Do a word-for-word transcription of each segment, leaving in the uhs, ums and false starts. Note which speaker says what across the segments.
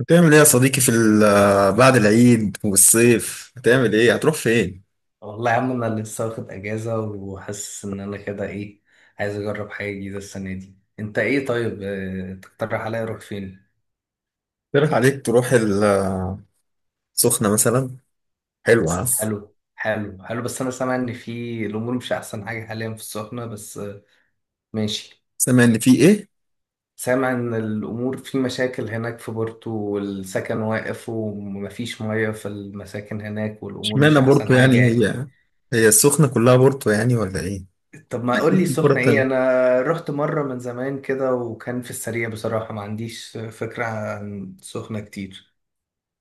Speaker 1: هتعمل ايه يا صديقي في ال- آه، بعد العيد والصيف هتعمل ايه؟ هتروح فين؟
Speaker 2: والله يا عم، انا لسه واخد اجازه وحاسس ان انا كده ايه. عايز اجرب حاجه جديده السنه دي. انت ايه؟ طيب آه، تقترح عليا اروح فين؟
Speaker 1: تروح عليك، تروح ال- السخنة مثلا. حلوة، ها؟
Speaker 2: حلو حلو حلو، بس انا سامع ان في الامور مش احسن حاجه حاليا في السخنه، بس آه، ماشي.
Speaker 1: سامع ان في ايه؟
Speaker 2: سامع ان الامور في مشاكل هناك في بورتو، والسكن واقف ومفيش ميه في المساكن هناك، والامور مش
Speaker 1: اشمعنى
Speaker 2: احسن
Speaker 1: بورتو يعني؟
Speaker 2: حاجه يعني.
Speaker 1: هي هي السخنة كلها بورتو يعني ولا ايه؟
Speaker 2: طب ما قول لي
Speaker 1: في كرة
Speaker 2: السخنة ايه؟
Speaker 1: تانية.
Speaker 2: انا رحت مرة من زمان كده، وكان في السريع بصراحة ما عنديش فكرة عن سخنة كتير.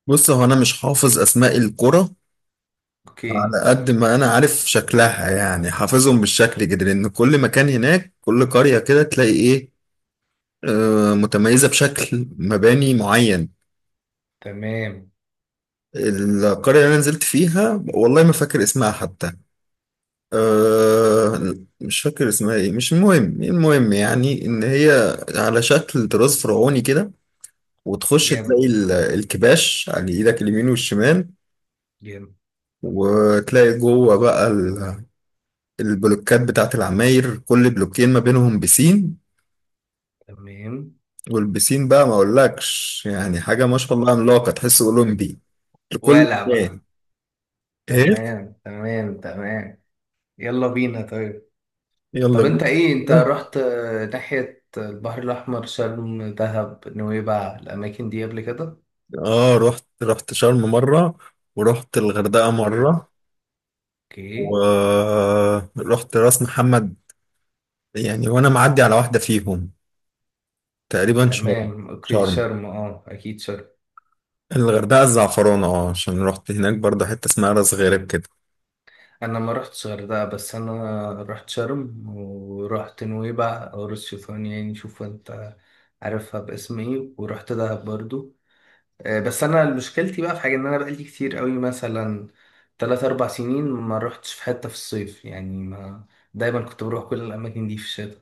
Speaker 1: بص، هو انا مش حافظ اسماء الكرة،
Speaker 2: اوكي.
Speaker 1: على قد ما انا عارف شكلها، يعني حافظهم بالشكل كده، لان كل مكان هناك كل قرية كده تلاقي ايه، آه، متميزة بشكل مباني معين.
Speaker 2: تمام.
Speaker 1: القرية اللي أنا نزلت فيها والله ما فاكر اسمها حتى. أه مش فاكر اسمها ايه، مش المهم، المهم يعني ان هي على شكل طراز فرعوني كده. وتخش تلاقي
Speaker 2: جامد
Speaker 1: ال- الكباش على ايدك اليمين والشمال.
Speaker 2: جامد.
Speaker 1: وتلاقي جوه بقى ال- البلوكات بتاعت العماير، كل بلوكين ما بينهم بسين.
Speaker 2: تمام.
Speaker 1: والبسين بقى ما اقولكش يعني حاجة، ما شاء الله، عملاقة تحسه أولمبي لكل
Speaker 2: ولا
Speaker 1: مكان.
Speaker 2: بقى.
Speaker 1: ايه،
Speaker 2: تمام تمام تمام. يلا بينا. طيب
Speaker 1: يلا
Speaker 2: طب انت ايه؟ انت
Speaker 1: بينا.
Speaker 2: رحت ناحية البحر الاحمر، شرم، دهب، نويبع، الاماكن دي قبل كده؟
Speaker 1: اه، رحت رحت شرم مرة، ورحت الغردقة
Speaker 2: اوكي.
Speaker 1: مرة،
Speaker 2: اوكي.
Speaker 1: ورحت راس محمد، يعني. وانا معدي على واحدة فيهم تقريبا، شرم.
Speaker 2: تمام اوكي،
Speaker 1: شرم،
Speaker 2: شرم اه، اكيد شرم.
Speaker 1: الغردقة، الزعفرانة، اه عشان رحت هناك برضه حتة اسمها راس غارب كده.
Speaker 2: انا ما رحتش غردقه، بس انا رحت شرم، ورحت نويبع او راس شيطان، يعني شوف انت عارفها باسم ايه، ورحت دهب برضو. آه، بس انا مشكلتي بقى في حاجه، ان انا بقالي كتير قوي، مثلا تلات اربع سنين ما رحتش في حته في الصيف، يعني ما دايما كنت بروح كل الاماكن دي في الشتاء.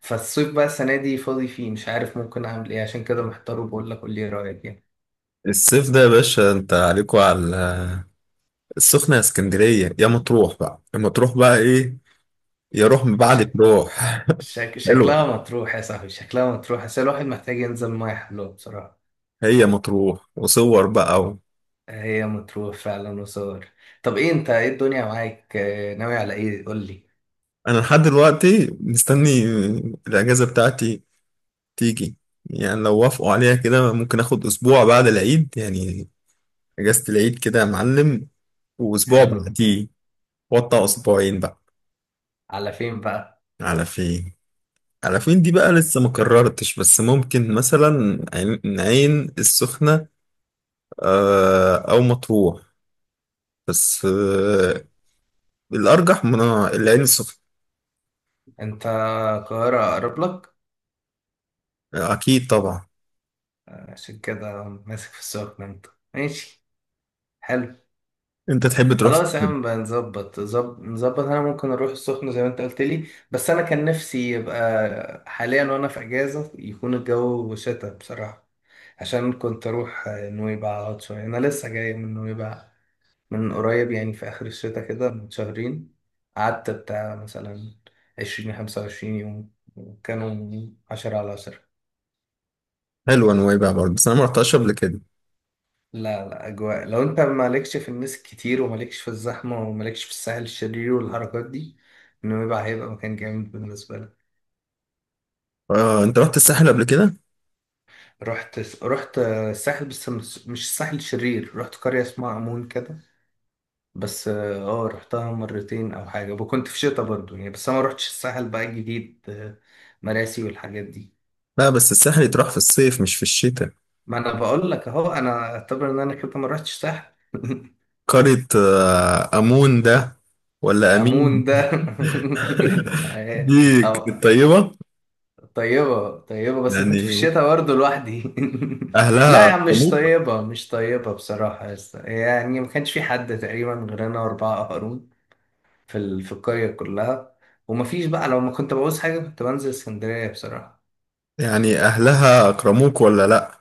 Speaker 2: فالصيف بقى السنه دي فاضي فيه، مش عارف ممكن اعمل ايه، عشان كده محتار وبقول لك قول لي إيه رايك يعني.
Speaker 1: الصيف ده يا باشا انت عليكوا على السخنة، يا اسكندرية، يا مطروح بقى، يا مطروح بقى ايه، يا روح من بعدك
Speaker 2: شك...
Speaker 1: روح.
Speaker 2: شك...
Speaker 1: حلوة.
Speaker 2: شكلها مطروح يا صاحبي، شكلها مطروح، بس الواحد محتاج ينزل ميه حلوه بصراحه.
Speaker 1: هي مطروح وصور بقى و
Speaker 2: هي مطروح فعلا وصور. طب ايه انت، ايه الدنيا معاك؟ آه، ناوي على ايه؟ قول لي.
Speaker 1: انا لحد دلوقتي مستني الاجازة بتاعتي تيجي. يعني لو وافقوا عليها كده ممكن اخد اسبوع بعد العيد يعني، اجازة العيد كده يا معلم، واسبوع
Speaker 2: حلو.
Speaker 1: بعديه. وطى اسبوعين بقى.
Speaker 2: على فين بقى؟
Speaker 1: على فين؟ على فين دي بقى لسه ما قررتش. بس ممكن مثلا عين عين السخنة، آه، او مطروح. بس آه، الارجح من العين السخنة.
Speaker 2: انت القاهرة اقرب لك،
Speaker 1: اكيد طبعا.
Speaker 2: عشان كده ماسك في السخنة انت. ماشي. حلو.
Speaker 1: انت تحب تروح
Speaker 2: خلاص يا
Speaker 1: فين؟
Speaker 2: عم بقى نظبط زب- نظبط. انا ممكن اروح السخنة زي ما انت قلت لي، بس انا كان نفسي يبقى حاليا وانا في اجازة يكون الجو شتا بصراحة. عشان كنت اروح آه، نويبع اقعد شوية. انا لسه جاي من نويبع، من قريب يعني، في آخر الشتاء كده، من شهرين. قعدت بتاع مثلا عشرين خمسة وعشرين يوم، وكانوا عشرة على عشرة.
Speaker 1: حلوة نويبع برضه، بس انا ما رحتهاش قبل كده.
Speaker 2: لا لا، أجواء، لو أنت مالكش في الناس كتير ومالكش في الزحمة ومالكش في الساحل الشرير والحركات دي، نويبع هيبقى مكان جامد بالنسبة لك.
Speaker 1: آه، انت رحت الساحل قبل كده؟
Speaker 2: رحت رحت الساحل، بس مش مش الساحل الشرير، رحت قرية اسمها أمون كده. بس اه آه، رحتها مرتين أو حاجة، وكنت في شتا برضو يعني. بس أنا ما رحتش الساحل بقى الجديد، آه، مراسي والحاجات دي.
Speaker 1: لا، بس الساحل يتروح في الصيف مش في الشتاء.
Speaker 2: ما انا بقول لك اهو، انا اعتبر ان انا كده ما رحتش ساحل
Speaker 1: قارة آه، أمون ده ولا
Speaker 2: امون
Speaker 1: أمين؟
Speaker 2: ده
Speaker 1: دي
Speaker 2: أو-
Speaker 1: كانت طيبة.
Speaker 2: طيبه طيبه، بس انا كنت في
Speaker 1: يعني
Speaker 2: الشتاء برضه لوحدي لا
Speaker 1: أهلها
Speaker 2: يا عم، مش
Speaker 1: أكرموك؟
Speaker 2: طيبه مش طيبه بصراحه يا اسطى. يعني ما كانش في حد تقريبا غير انا واربعه قهرون في ال... في القريه كلها، وما فيش بقى، لو ما كنت بعوز حاجه كنت بنزل اسكندريه بصراحه.
Speaker 1: يعني أهلها أكرموك ولا لأ؟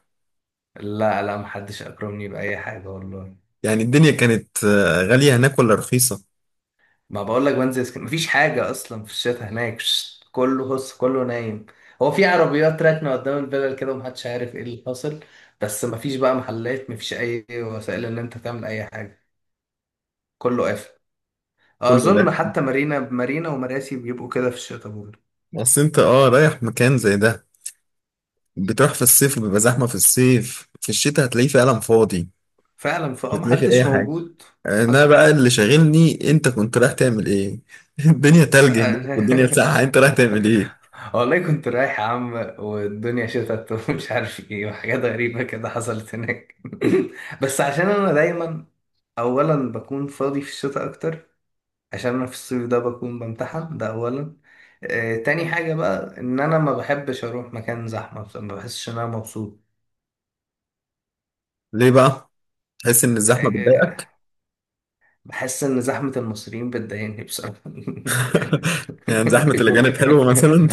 Speaker 2: لا لا، ما حدش اكرمني باي حاجه والله.
Speaker 1: يعني الدنيا كانت آه، غالية هناك ولا رخيصة؟
Speaker 2: ما بقول لك، بنزل اسكندريه مفيش حاجه اصلا في الشتاء هناك. شت، كله هص كله نايم. هو في عربيات راكنه قدام الفلل كده، ومحدش عارف ايه اللي حاصل. بس مفيش بقى محلات، مفيش اي وسائل ان انت تعمل اي حاجه. كله قافل.
Speaker 1: كل
Speaker 2: اظن
Speaker 1: ده،
Speaker 2: حتى مارينا، مارينا ومراسي بيبقوا كده في الشتاء برضه.
Speaker 1: بس أنت أه رايح مكان زي ده، بتروح في الصيف بيبقى زحمة في الصيف، في الشتاء هتلاقيه فعلا فاضي،
Speaker 2: فعلا، فاه
Speaker 1: مش هتلاقي فيه أي
Speaker 2: محدش
Speaker 1: حاجة.
Speaker 2: موجود.
Speaker 1: أنا
Speaker 2: حصل.
Speaker 1: بقى اللي شاغلني أنت كنت رايح تعمل إيه. الدنيا تلج هناك والدنيا ساقعة، أنت رايح تعمل إيه؟
Speaker 2: والله كنت رايح يا عم، والدنيا شتت ومش عارف ايه، وحاجات غريبة كده حصلت هناك بس عشان انا دايما اولا بكون فاضي في الشتاء اكتر، عشان انا في الصيف ده بكون بمتحن ده اولا. آه تاني حاجه بقى، ان انا ما بحبش اروح مكان زحمه بصراحة، ما بحسش ان انا مبسوط.
Speaker 1: ليه بقى؟ تحس ان الزحمه بتضايقك؟
Speaker 2: آه بحس ان زحمه المصريين بتضايقني بصراحه
Speaker 1: يعني زحمه الاجانب حلوه مثلا؟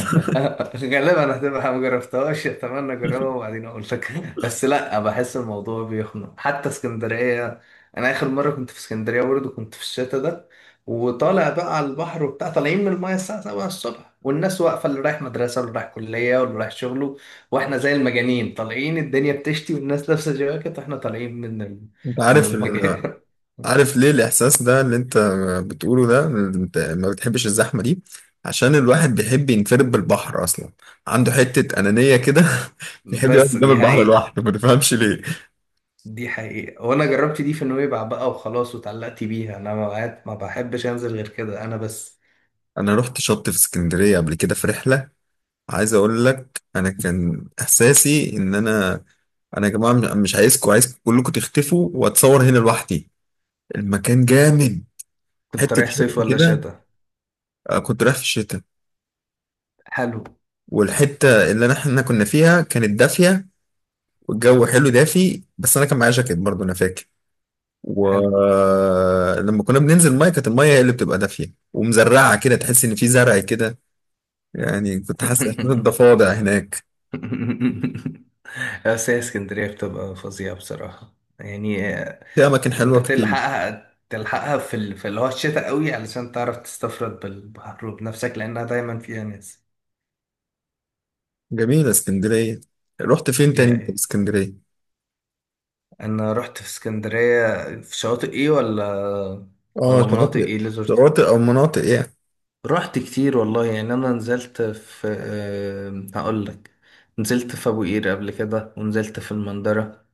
Speaker 2: غالبا هتبقى، ما جربتهاش، اتمنى اجربها وبعدين اقول لك. بس لا، بحس الموضوع بيخنق حتى اسكندريه. انا اخر مره كنت في اسكندريه برضه كنت في الشتا ده، وطالع بقى على البحر وبتاع، طالعين من المايه الساعه سبعة الصبح، والناس واقفه، اللي رايح مدرسه واللي رايح كليه واللي رايح شغله، واحنا زي المجانين طالعين، الدنيا بتشتي والناس لابسه جواكت، واحنا طالعين من ال...
Speaker 1: انت
Speaker 2: من
Speaker 1: عارف ان
Speaker 2: المايه
Speaker 1: عارف ليه الاحساس ده اللي انت بتقوله ده؟ انت ما بتحبش الزحمه دي عشان الواحد بيحب ينفرد بالبحر اصلا، عنده حته انانيه كده، بيحب يقعد
Speaker 2: بس
Speaker 1: قدام
Speaker 2: دي
Speaker 1: البحر
Speaker 2: حقيقة،
Speaker 1: لوحده، ما تفهمش ليه.
Speaker 2: دي حقيقة. وانا جربت دي في نويبع بقى وخلاص واتعلقت بيها، انا ما بقعد- ما بحبش انزل غير كده انا بس.
Speaker 1: انا رحت شط في اسكندريه قبل كده في رحله، عايز اقول لك انا كان احساسي ان انا انا يا جماعه مش عايزكم، عايزكم كلكم تختفوا واتصور هنا لوحدي، المكان جامد.
Speaker 2: كنت
Speaker 1: حته
Speaker 2: رايح صيف
Speaker 1: شط
Speaker 2: ولا
Speaker 1: كده،
Speaker 2: شتا؟
Speaker 1: آه، كنت رايح في الشتاء.
Speaker 2: حلو.
Speaker 1: والحتة اللي أنا- احنا كنا فيها كانت دافية، والجو حلو دافي. بس أنا كان معايا جاكيت برضه، أنا فاكر.
Speaker 2: حلو.
Speaker 1: ولما كنا بننزل مية كانت المية هي اللي بتبقى دافية ومزرعة كده، تحس إن في زرع كده. يعني كنت حاسس إحساس الضفادع هناك.
Speaker 2: بس هي اسكندرية بتبقى فظيعة بصراحة، يعني آه،
Speaker 1: في أماكن
Speaker 2: انت
Speaker 1: حلوة كتير،
Speaker 2: تلحقها تلحقها في ال... في اللي هو الشتاء قوي، علشان تعرف تستفرد بالبحر وبنفسك، لانها دايما فيها ناس.
Speaker 1: جميلة اسكندرية. رحت فين
Speaker 2: دي
Speaker 1: تاني أنت في
Speaker 2: حقيقة.
Speaker 1: اسكندرية؟
Speaker 2: انا رحت في اسكندرية في شواطئ ايه، ولا
Speaker 1: اه،
Speaker 2: ولا مناطق
Speaker 1: شواطئ.
Speaker 2: ايه اللي زرتها؟
Speaker 1: شواطئ أو مناطق يعني.
Speaker 2: رحت كتير والله يعني. انا نزلت في آه، هقول لك، نزلت في ابو قير قبل كده، ونزلت في المندرة،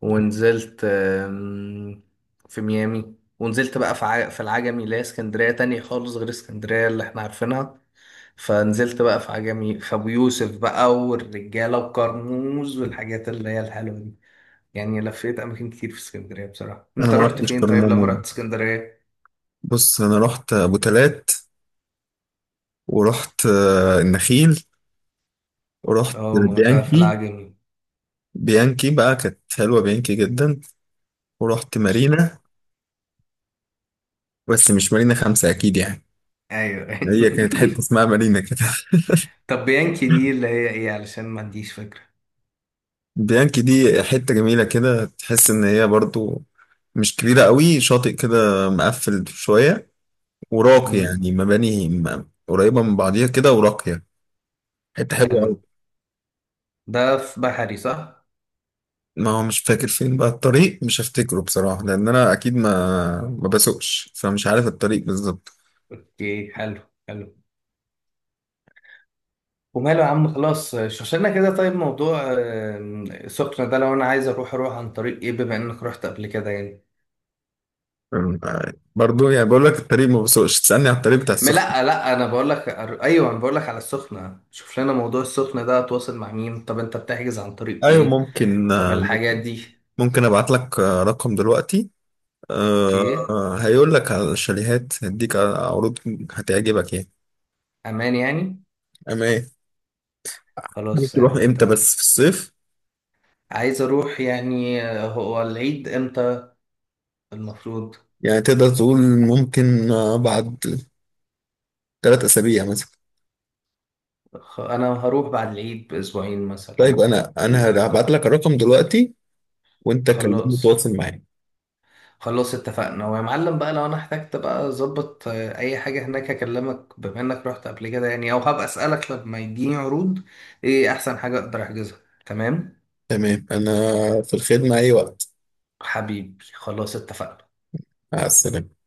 Speaker 2: ونزلت آم، في ميامي، ونزلت بقى في ع- في العجمي، اللي هي اسكندرية تانية خالص غير اسكندرية اللي احنا عارفينها. فنزلت بقى في عجمي في ابو يوسف بقى، والرجالة وكرموز والحاجات اللي هي الحلوة دي، يعني لفيت اماكن كتير في اسكندرية بصراحة.
Speaker 1: أنا
Speaker 2: انت
Speaker 1: ما
Speaker 2: رحت
Speaker 1: رحتش
Speaker 2: فين طيب لما
Speaker 1: كرمومون.
Speaker 2: رحت اسكندرية؟
Speaker 1: بص أنا رحت أبو تلات، ورحت آه، النخيل، ورحت
Speaker 2: اه، ما ده في
Speaker 1: بيانكي.
Speaker 2: العجمي.
Speaker 1: بيانكي بقى كانت حلوة، بيانكي جدا. ورحت
Speaker 2: ش-
Speaker 1: مارينا، بس مش مارينا خمسة أكيد يعني،
Speaker 2: ايوه.
Speaker 1: هي كانت حتة اسمها مارينا كده.
Speaker 2: طب بيانكي دي اللي هي ايه؟ علشان ما عنديش فكرة.
Speaker 1: بيانكي دي حتة جميلة كده، تحس إن هي برضو مش كبيرة قوي، شاطئ كده مقفل شوية، وراقي،
Speaker 2: امم.
Speaker 1: يعني مباني م- قريبة من بعضيها كده وراقية. حتة حلوة
Speaker 2: حلو.
Speaker 1: قوي.
Speaker 2: ده في بحري صح؟
Speaker 1: ما هو مش فاكر فين بقى الطريق، مش هفتكره بصراحة، لأن أنا أكيد ما ما بسوقش، فمش عارف الطريق بالظبط.
Speaker 2: اوكي. حلو. حلو. وماله يا عم، خلاص شوشنا كده. طيب موضوع آم، سخنة ده، لو انا عايز اروح اروح عن طريق ايه بما انك رحت قبل كده يعني؟
Speaker 1: أم- آه، برضو، يعني بقول لك الطريق ما بسوقش تسألني على الطريق بتاع
Speaker 2: ما
Speaker 1: السخنة.
Speaker 2: لا لا، انا بقول لك، ايوه انا بقول لك على السخنة، شوف لنا موضوع السخنة ده، اتواصل مع مين؟ طب انت بتحجز عن طريق
Speaker 1: ايوه،
Speaker 2: ايه؟
Speaker 1: ممكن
Speaker 2: طب
Speaker 1: آه،
Speaker 2: الحاجات دي.
Speaker 1: ممكن ابعت لك آه، رقم دلوقتي. آه،
Speaker 2: اوكي.
Speaker 1: آه، هيقول لك على الشاليهات، هديك عروض هتعجبك يعني.
Speaker 2: امان يعني؟
Speaker 1: اما ايه. حابب
Speaker 2: خلاص يا
Speaker 1: تروح
Speaker 2: عم
Speaker 1: امتى
Speaker 2: اتفقنا.
Speaker 1: بس في الصيف؟
Speaker 2: عايز اروح يعني. آه، هو العيد امتى المفروض؟
Speaker 1: يعني تقدر تقول ممكن آه، بعد ثلاث اسابيع مثلا.
Speaker 2: خ- انا هروح بعد العيد باسبوعين
Speaker 1: طيب
Speaker 2: مثلا.
Speaker 1: انا، انا
Speaker 2: ل-
Speaker 1: هبعت
Speaker 2: لا.
Speaker 1: لك الرقم دلوقتي وانت كلمني
Speaker 2: خلاص.
Speaker 1: تواصل معايا.
Speaker 2: خلاص اتفقنا. ويا معلم بقى، لو انا احتجت بقى اظبط آه، اي حاجه هناك اكلمك، بما انك رحت قبل كده يعني، او هبقى اسالك لما يجيني عروض، ايه احسن حاجه اقدر احجزها. تمام.
Speaker 1: تمام، انا في الخدمة اي وقت.
Speaker 2: حبيبي خلاص اتفقنا.
Speaker 1: مع السلامة.